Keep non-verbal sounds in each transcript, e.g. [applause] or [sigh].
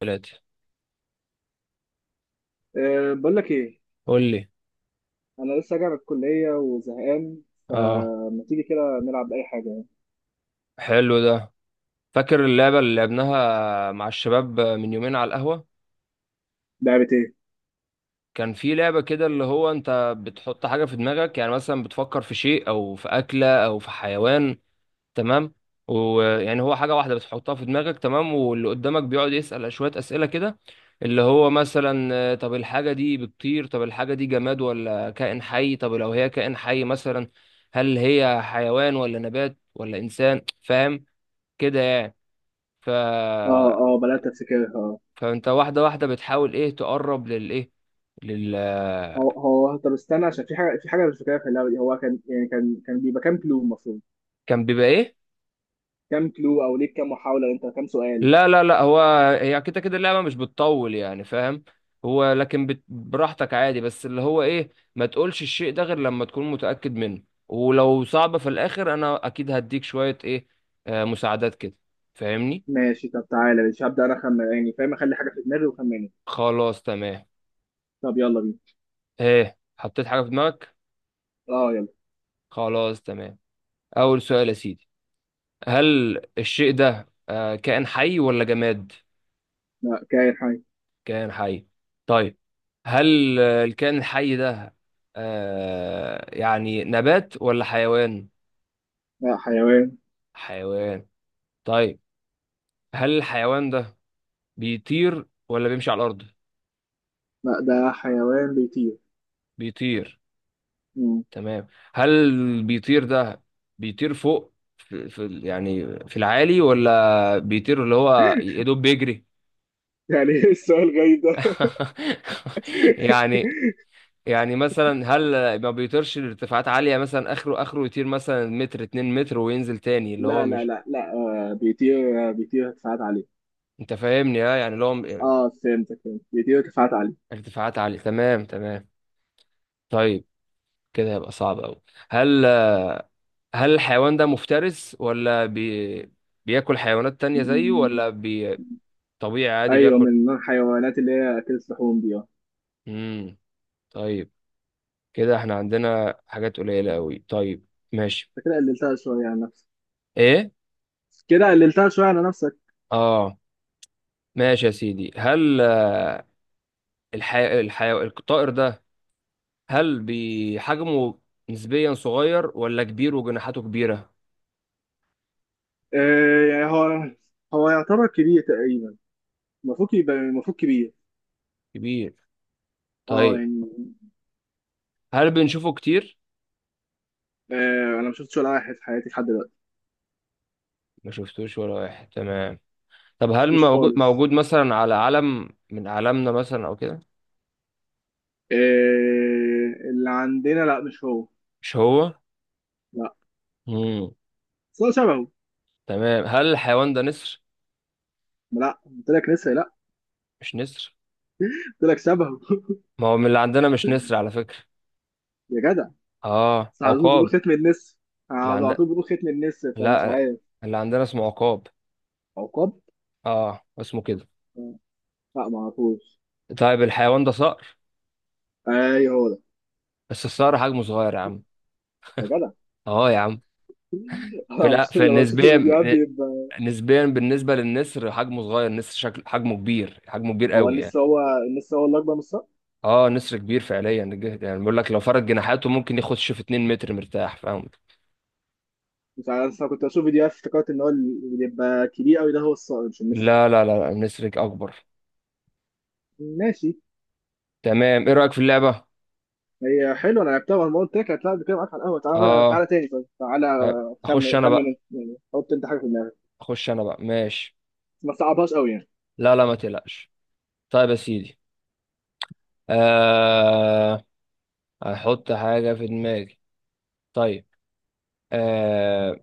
ثلاثة. أه، بقول لك ايه. قول لي. انا لسه راجع من الكليه وزهقان، اه، فما تيجي كده نلعب اي حاجه يعني. حلو ده. فاكر اللعبة اللي لعبناها مع الشباب من يومين على القهوة؟ لعبه ايه؟ كان في لعبة كده، اللي هو انت بتحط حاجة في دماغك، يعني مثلا بتفكر في شيء او في أكلة او في حيوان. تمام؟ ويعني هو حاجة واحدة بتحطها في دماغك، تمام، واللي قدامك بيقعد يسأل شوية أسئلة كده، اللي هو مثلا طب الحاجة دي بتطير، طب الحاجة دي جماد ولا كائن حي، طب لو هي كائن حي مثلا هل هي حيوان ولا نبات ولا إنسان، فاهم؟ كده يعني. ف اه اه، بدات افتكرها. اه فانت واحده واحده بتحاول ايه، تقرب للايه لل هو طب استنى، عشان في حاجه مش فاكرها في اللعبه دي. هو كان يعني كان بيبقى كام كلو المفروض؟ كان بيبقى ايه؟ كام كلو؟ او ليك كام محاوله؟ انت كام سؤال؟ لا لا لا، هو هي كده كده اللعبه مش بتطول يعني، فاهم؟ هو لكن براحتك عادي، بس اللي هو ايه، ما تقولش الشيء ده غير لما تكون متاكد منه، ولو صعبه في الاخر انا اكيد هديك شويه ايه، آه، مساعدات كده. فاهمني؟ ماشي. طب تعالى، مش هبدا انا خمن يعني، فاهم؟ اخلي حاجه في دماغي وخمنها. خلاص تمام. طب يلا بينا. ايه حطيت حاجه في دماغك؟ اه يلا. خلاص تمام. اول سؤال يا سيدي، هل الشيء ده كائن حي ولا جماد؟ لا، كائن حي. كائن حي. طيب، هل الكائن الحي ده يعني نبات ولا حيوان؟ لا، حيوان. حيوان. طيب، هل الحيوان ده بيطير ولا بيمشي على الأرض؟ لا، ده حيوان بيطير. بيطير. مم. تمام. هل بيطير ده بيطير فوق في يعني في العالي، ولا بيطير اللي هو يا دوب بيجري؟ يعني [laughs] ايه السؤال غريب ده؟ [laughs] يعني. [laughs] يعني مثلا هل ما بيطيرش لارتفاعات عالية، مثلا اخره اخره يطير مثلا متر، اتنين متر وينزل تاني، اللي هو لا لا مش، لا لا، بيطير، بيطير كفاءات عالية. انت فاهمني؟ ها يعني، لو اه فهمتك، فهمت بيطير كفاءات عالية. ارتفاعات عالية. تمام تمام. طيب، كده هيبقى صعب أوي. هل هل الحيوان ده مفترس، ولا بياكل حيوانات تانية زيه، م- ولا طبيعي عادي ايوه، بياكل؟ من الحيوانات اللي هي اكلت لحوم دي. اه امم. طيب كده احنا عندنا حاجات قليلة أوي، طيب. ماشي. انت كده قللتها شوية عن نفسك، ايه. كده قللتها شوية على نفسك. اه. ماشي يا سيدي، هل الطائر ده، هل بحجمه نسبيا صغير ولا كبير وجناحاته كبيرة؟ آه يعني هو هو يعتبر كبير تقريبا، المفروض يبقى المفروض كبير. كبير. اه طيب، يعني. هل بنشوفه كتير؟ آه، انا ما شفتش ولا واحد في حياتي لحد دلوقتي. ما شفتوش ولا واحد، تمام. طب ما هل شفتوش موجود خالص. موجود مثلا على علم من أعلامنا مثلا أو كده؟ آه، اللي عندنا لا مش هو، مش هو. لا. مم. بس هو شبهه. تمام. هل الحيوان ده نسر؟ لا، قلت لك لسه لا. مش نسر؟ قلت لك شبهه. ما هو من اللي عندنا مش نسر على فكرة. [laughs] يا جدع، اه بس على طول بيقولوا عقاب. ختم النسر، اللي على عندنا. طول بيقولوا ختم النسر، فمش لا. عارف. اللي عندنا اسمه عقاب. عقاب؟ اه اسمه كده. آه. لا ما اعرفوش. طيب الحيوان ده صقر؟ ايوه هو ده. بس الصقر حجمه صغير يا عم. يا جدع اه يا عم. [laughs] في انا الأ... مبسوط في لما بشوف نسبيا الفيديوهات بيبقى. نسبيا بالنسبة للنسر حجمه صغير، النسر شكل حجمه كبير، حجمه كبير هو قوي يعني. النسر النسر هو اللي اكبر من الصقر. اه، نسر كبير فعليا، يعني بيقول لك لو فرد جناحاته ممكن يخش في 2 متر مرتاح، فاهم؟ مش عارف، أنا كنت بشوف فيديوهات، افتكرت ان هو اللي بيبقى كبير قوي ده هو الصقر مش النسر. لا لا لا لا، النسر اكبر. ماشي. تمام، ايه رأيك في اللعبة؟ هي حلوه، انا لعبتها، وانا قلت لك هتلعب كده معاك على القهوه. تعالى اه. تعالى تاني، طيب تعالى. خمن اخش انا خمن بقى. انت يعني، حط انت حاجه في دماغك. ماشي. بس ما تصعبهاش قوي يعني. لا لا ما تقلقش. طيب يا سيدي، آه هحط حاجة في دماغي. طيب، آه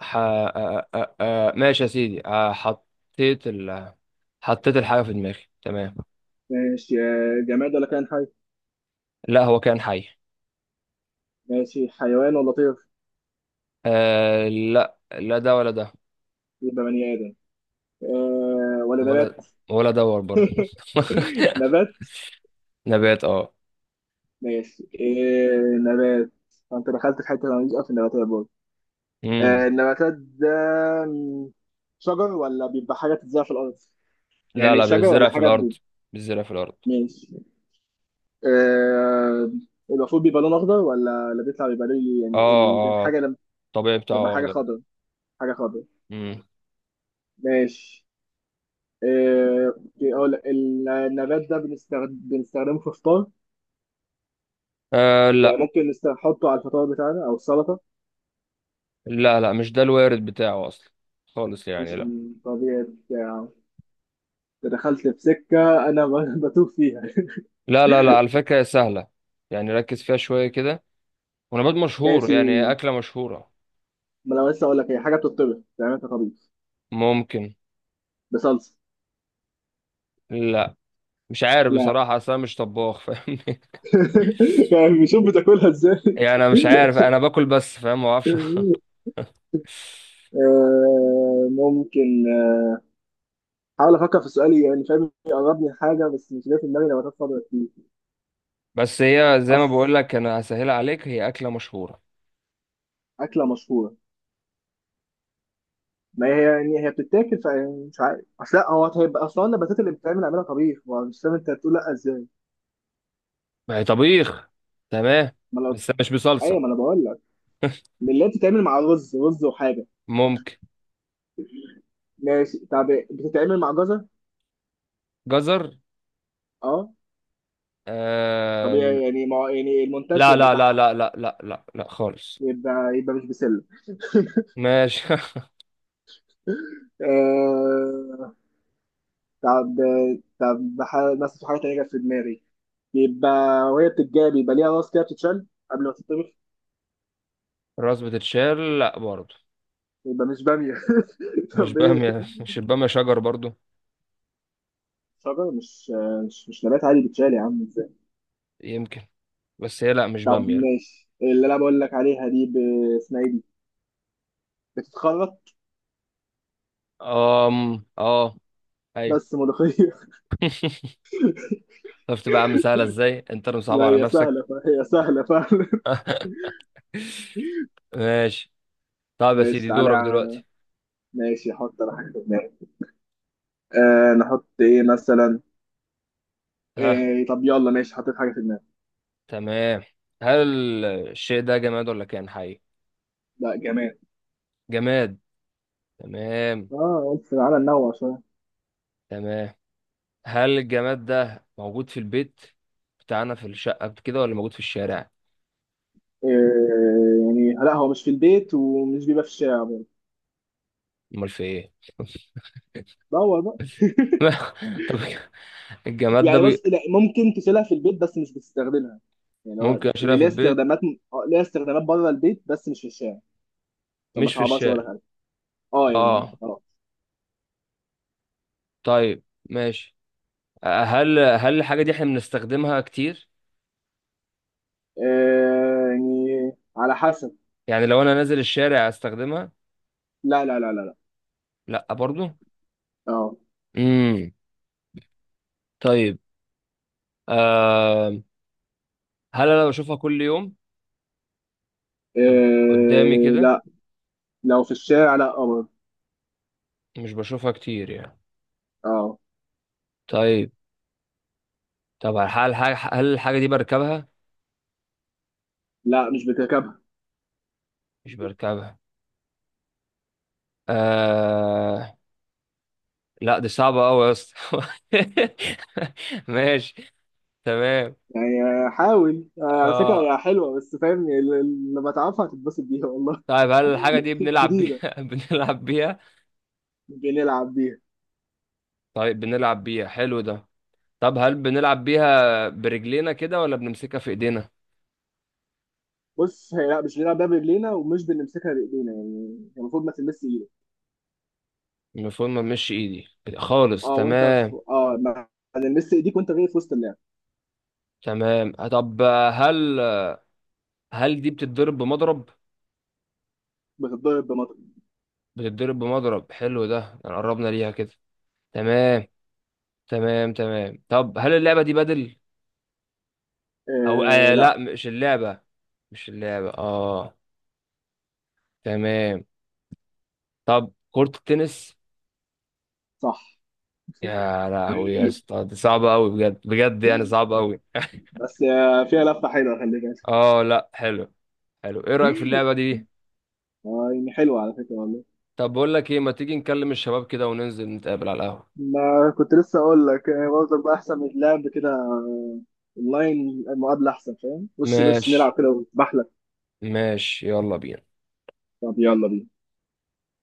ح... آه آه آه آه، ماشي يا سيدي، آه، حطيت الحاجة في دماغي، تمام. ماشي. آه، جماد ولا كائن حي؟ لا هو كان حي. ماشي، حيوان ولا طير؟ آه لا لا، ده ولا ده. يبقى بني ادم آه، ولا نبات؟ ولا، دور برضه [laughs] [laughs] نبات؟ نبات اه. ماشي آه، نبات. انت دخلت في حته انا ماليش قوي في النباتات برضه. امم. آه، النباتات ده م، شجر ولا بيبقى حاجه تتزرع في الارض؟ لا يعني لا، شجر بيتزرع ولا في حاجه الارض. بي...؟ بيتزرع في الارض ماشي آه، المفروض بيبقى لون اخضر، ولا اللي بيطلع بيبقى ليه؟ يعني اه. اه، الحاجه لما الطبيعي بتبقى بتاعه حاجه اخضر. خضر، حاجه خضر. امم. ماشي. آه أوكي، اقول لك، النبات ده بنستخدمه في فطار؟ آه يعني لا ممكن نحطه على الفطار بتاعنا او السلطه؟ لا لا، مش ده الوارد بتاعه اصلا خالص، مش يعني لا. الطبيعي بتاعه؟ انت دخلت في سكة أنا بتوه فيها لا لا لا، على فكرة هي سهلة، يعني ركز فيها شوية كده، ونبات [laughs] مشهور ماشي. يعني، هي أكلة مشهورة. ما أنا لسه أقول لك، هي حاجة بتطبخ، تعملها أنت طبيخ ممكن. بصلصة؟ لا، مش عارف لا بصراحة، أصل أنا مش طباخ، فاهمني؟ [laughs] يعني بشوف بتاكلها إزاي [laughs] [laughs] يعني أنا مش عارف، أنا باكل بس فاهم، ما أعرفش [laughs] آه، ممكن آه، حاول أفكر في سؤالي يعني، فاهم؟ يقربني حاجة، بس مش جاي في دماغي، نباتات خضرا كتير. بس هي زي ما بقول أصل لك، انا هسهلها عليك، هي اكله مشهوره. أكلة مشهورة، ما هي يعني هي بتتاكل، فمش عارف أصل. لا، هو هيبقى أصلا النباتات اللي بتتعمل أعملها طبيخ، ما مش فاهم أنت هتقول لا إزاي. ما هي طبيخ، تمام. ما أنا. بس مش أيوه ما أنا بصلصه. بقول لك، من اللي هي بتتعمل مع رز وحاجه. ممكن. ماشي، طب بتتعمل مع جزر؟ جزر. اه، طبيعي آه... يعني، ما يعني لا المنتشر لا لا بتاعها. لا لا لا لا لا خالص. يبقى، يبقى مش بسله [laughs] ماشي [laughs] آه... طب، طب بس في حاجه تانيه جت في دماغي. يبقى، وهي بتتجاب يبقى ليها راس كده بتتشال قبل ما تتطبخ. الراس بتتشال، لا برضه. يبقى مش باميه؟ [laughs] مش طب ايه؟ باميه؟ مش الباميه شجر برضه؟ شجره مش، مش نبات عادي بتشال يا عم ازاي؟ يمكن. بس هي لا، مش طب باميه لا. ماشي، اللي انا بقول لك عليها دي اسمها ايه دي، بتتخرط، أم اه. ايوه. بس ملوخيه. شفت بقى يا عم، سهله ازاي، انت اللي [laughs] مصعب لا على هي نفسك سهله، فهي سهله فعلا. [laughs] ماشي. طب يا ماشي، سيدي تعالى دورك دلوقتي. ماشي، حط انا حاجه في دماغي. آه، نحط ايه مثلا؟ ها. إيه طب يلا، ماشي، حطيت حاجه في دماغي. تمام. هل الشيء ده جماد ولا كائن حي؟ لا جمال. جماد. تمام اه قلت تعالى ننوع شويه. تمام. هل الجماد ده موجود في البيت بتاعنا في الشقة كده، ولا موجود في الشارع؟ إيه؟ يعني لا، هو مش في البيت، ومش بيبقى في الشارع برضه. امال في ايه؟ دور بقى. [laughs] طب الجماد ده يعني بس لا، ممكن تشيلها في البيت بس مش بتستخدمها، يعني هو. ممكن اشتريها هي في ليها البيت. استخدامات، آه، ليها استخدامات بره البيت بس مش في الشارع. طب ما مش في صعبهاش ولا الشارع. حاجه. اه يعني اه. اه. طيب، ماشي. هل الحاجة دي احنا بنستخدمها كتير؟ آه، يعني على حسب. يعني لو انا نازل الشارع استخدمها؟ لا لا لا لا لا. لا برضو. اه. امم. طيب، آه... هل انا بشوفها كل يوم إيه؟ قدامي كده؟ لا. لو في الشارع، لا قمر. مش بشوفها كتير يعني. اه. طيب. طب هل الحاجة دي بركبها؟ لا، مش بتركبها. مش بركبها. آه... لا دي صعبة أوي يا اسطى [laughs] ماشي. تمام. يعني آه، حاول آه، على فكرة آه... هي حلوة، بس فاهم؟ لما تعرفها هتتبسط بيها والله. طيب هل الحاجة دي [laughs] بنلعب جديدة. بيها؟ [laughs] بنلعب بيها؟ مش بنلعب بيها. طيب بنلعب بيها، حلو ده. طب هل بنلعب بيها برجلينا كده ولا بنمسكها في ايدينا؟ بص، هي لا مش بنلعب بيها برجلينا، ومش بنمسكها بإيدينا، يعني هي المفروض ما تلمس إيدك. المفروض ما بنمشي ايدي خالص، اه وأنت في... تمام. اه، ما تلمس إيديك وأنت جاي في وسط اللعب. تمام، طب هل هل دي بتتضرب بمضرب؟ بتتضرب بمطر. بتتضرب بمضرب، حلو ده، يعني قربنا ليها كده. تمام. تمام تمام، طب هل اللعبة دي بدل، او آه آه لا. لا، مش اللعبة، مش اللعبة اه. تمام. طب كرة التنس؟ صح [laughs] يا لهوي يا اسطى، دي صعبة قوي بجد بجد، يعني صعبة قوي [laughs] بس آه، فيها لفة حلوة خلي بالك. اه لا حلو. حلو، ايه رأيك في اللعبة [laughs] دي؟ آه، يعني حلوة على فكرة والله. طب بقول لك ايه، ما تيجي نكلم الشباب كده وننزل نتقابل على القهوة؟ ما كنت لسه اقول لك، يعني برضه بقى احسن من اللعب كده اونلاين، المقابله احسن، فاهم؟ وش لوش نلعب ماشي. كده وبحلك. ماشي يلا بينا. طب يلا بينا.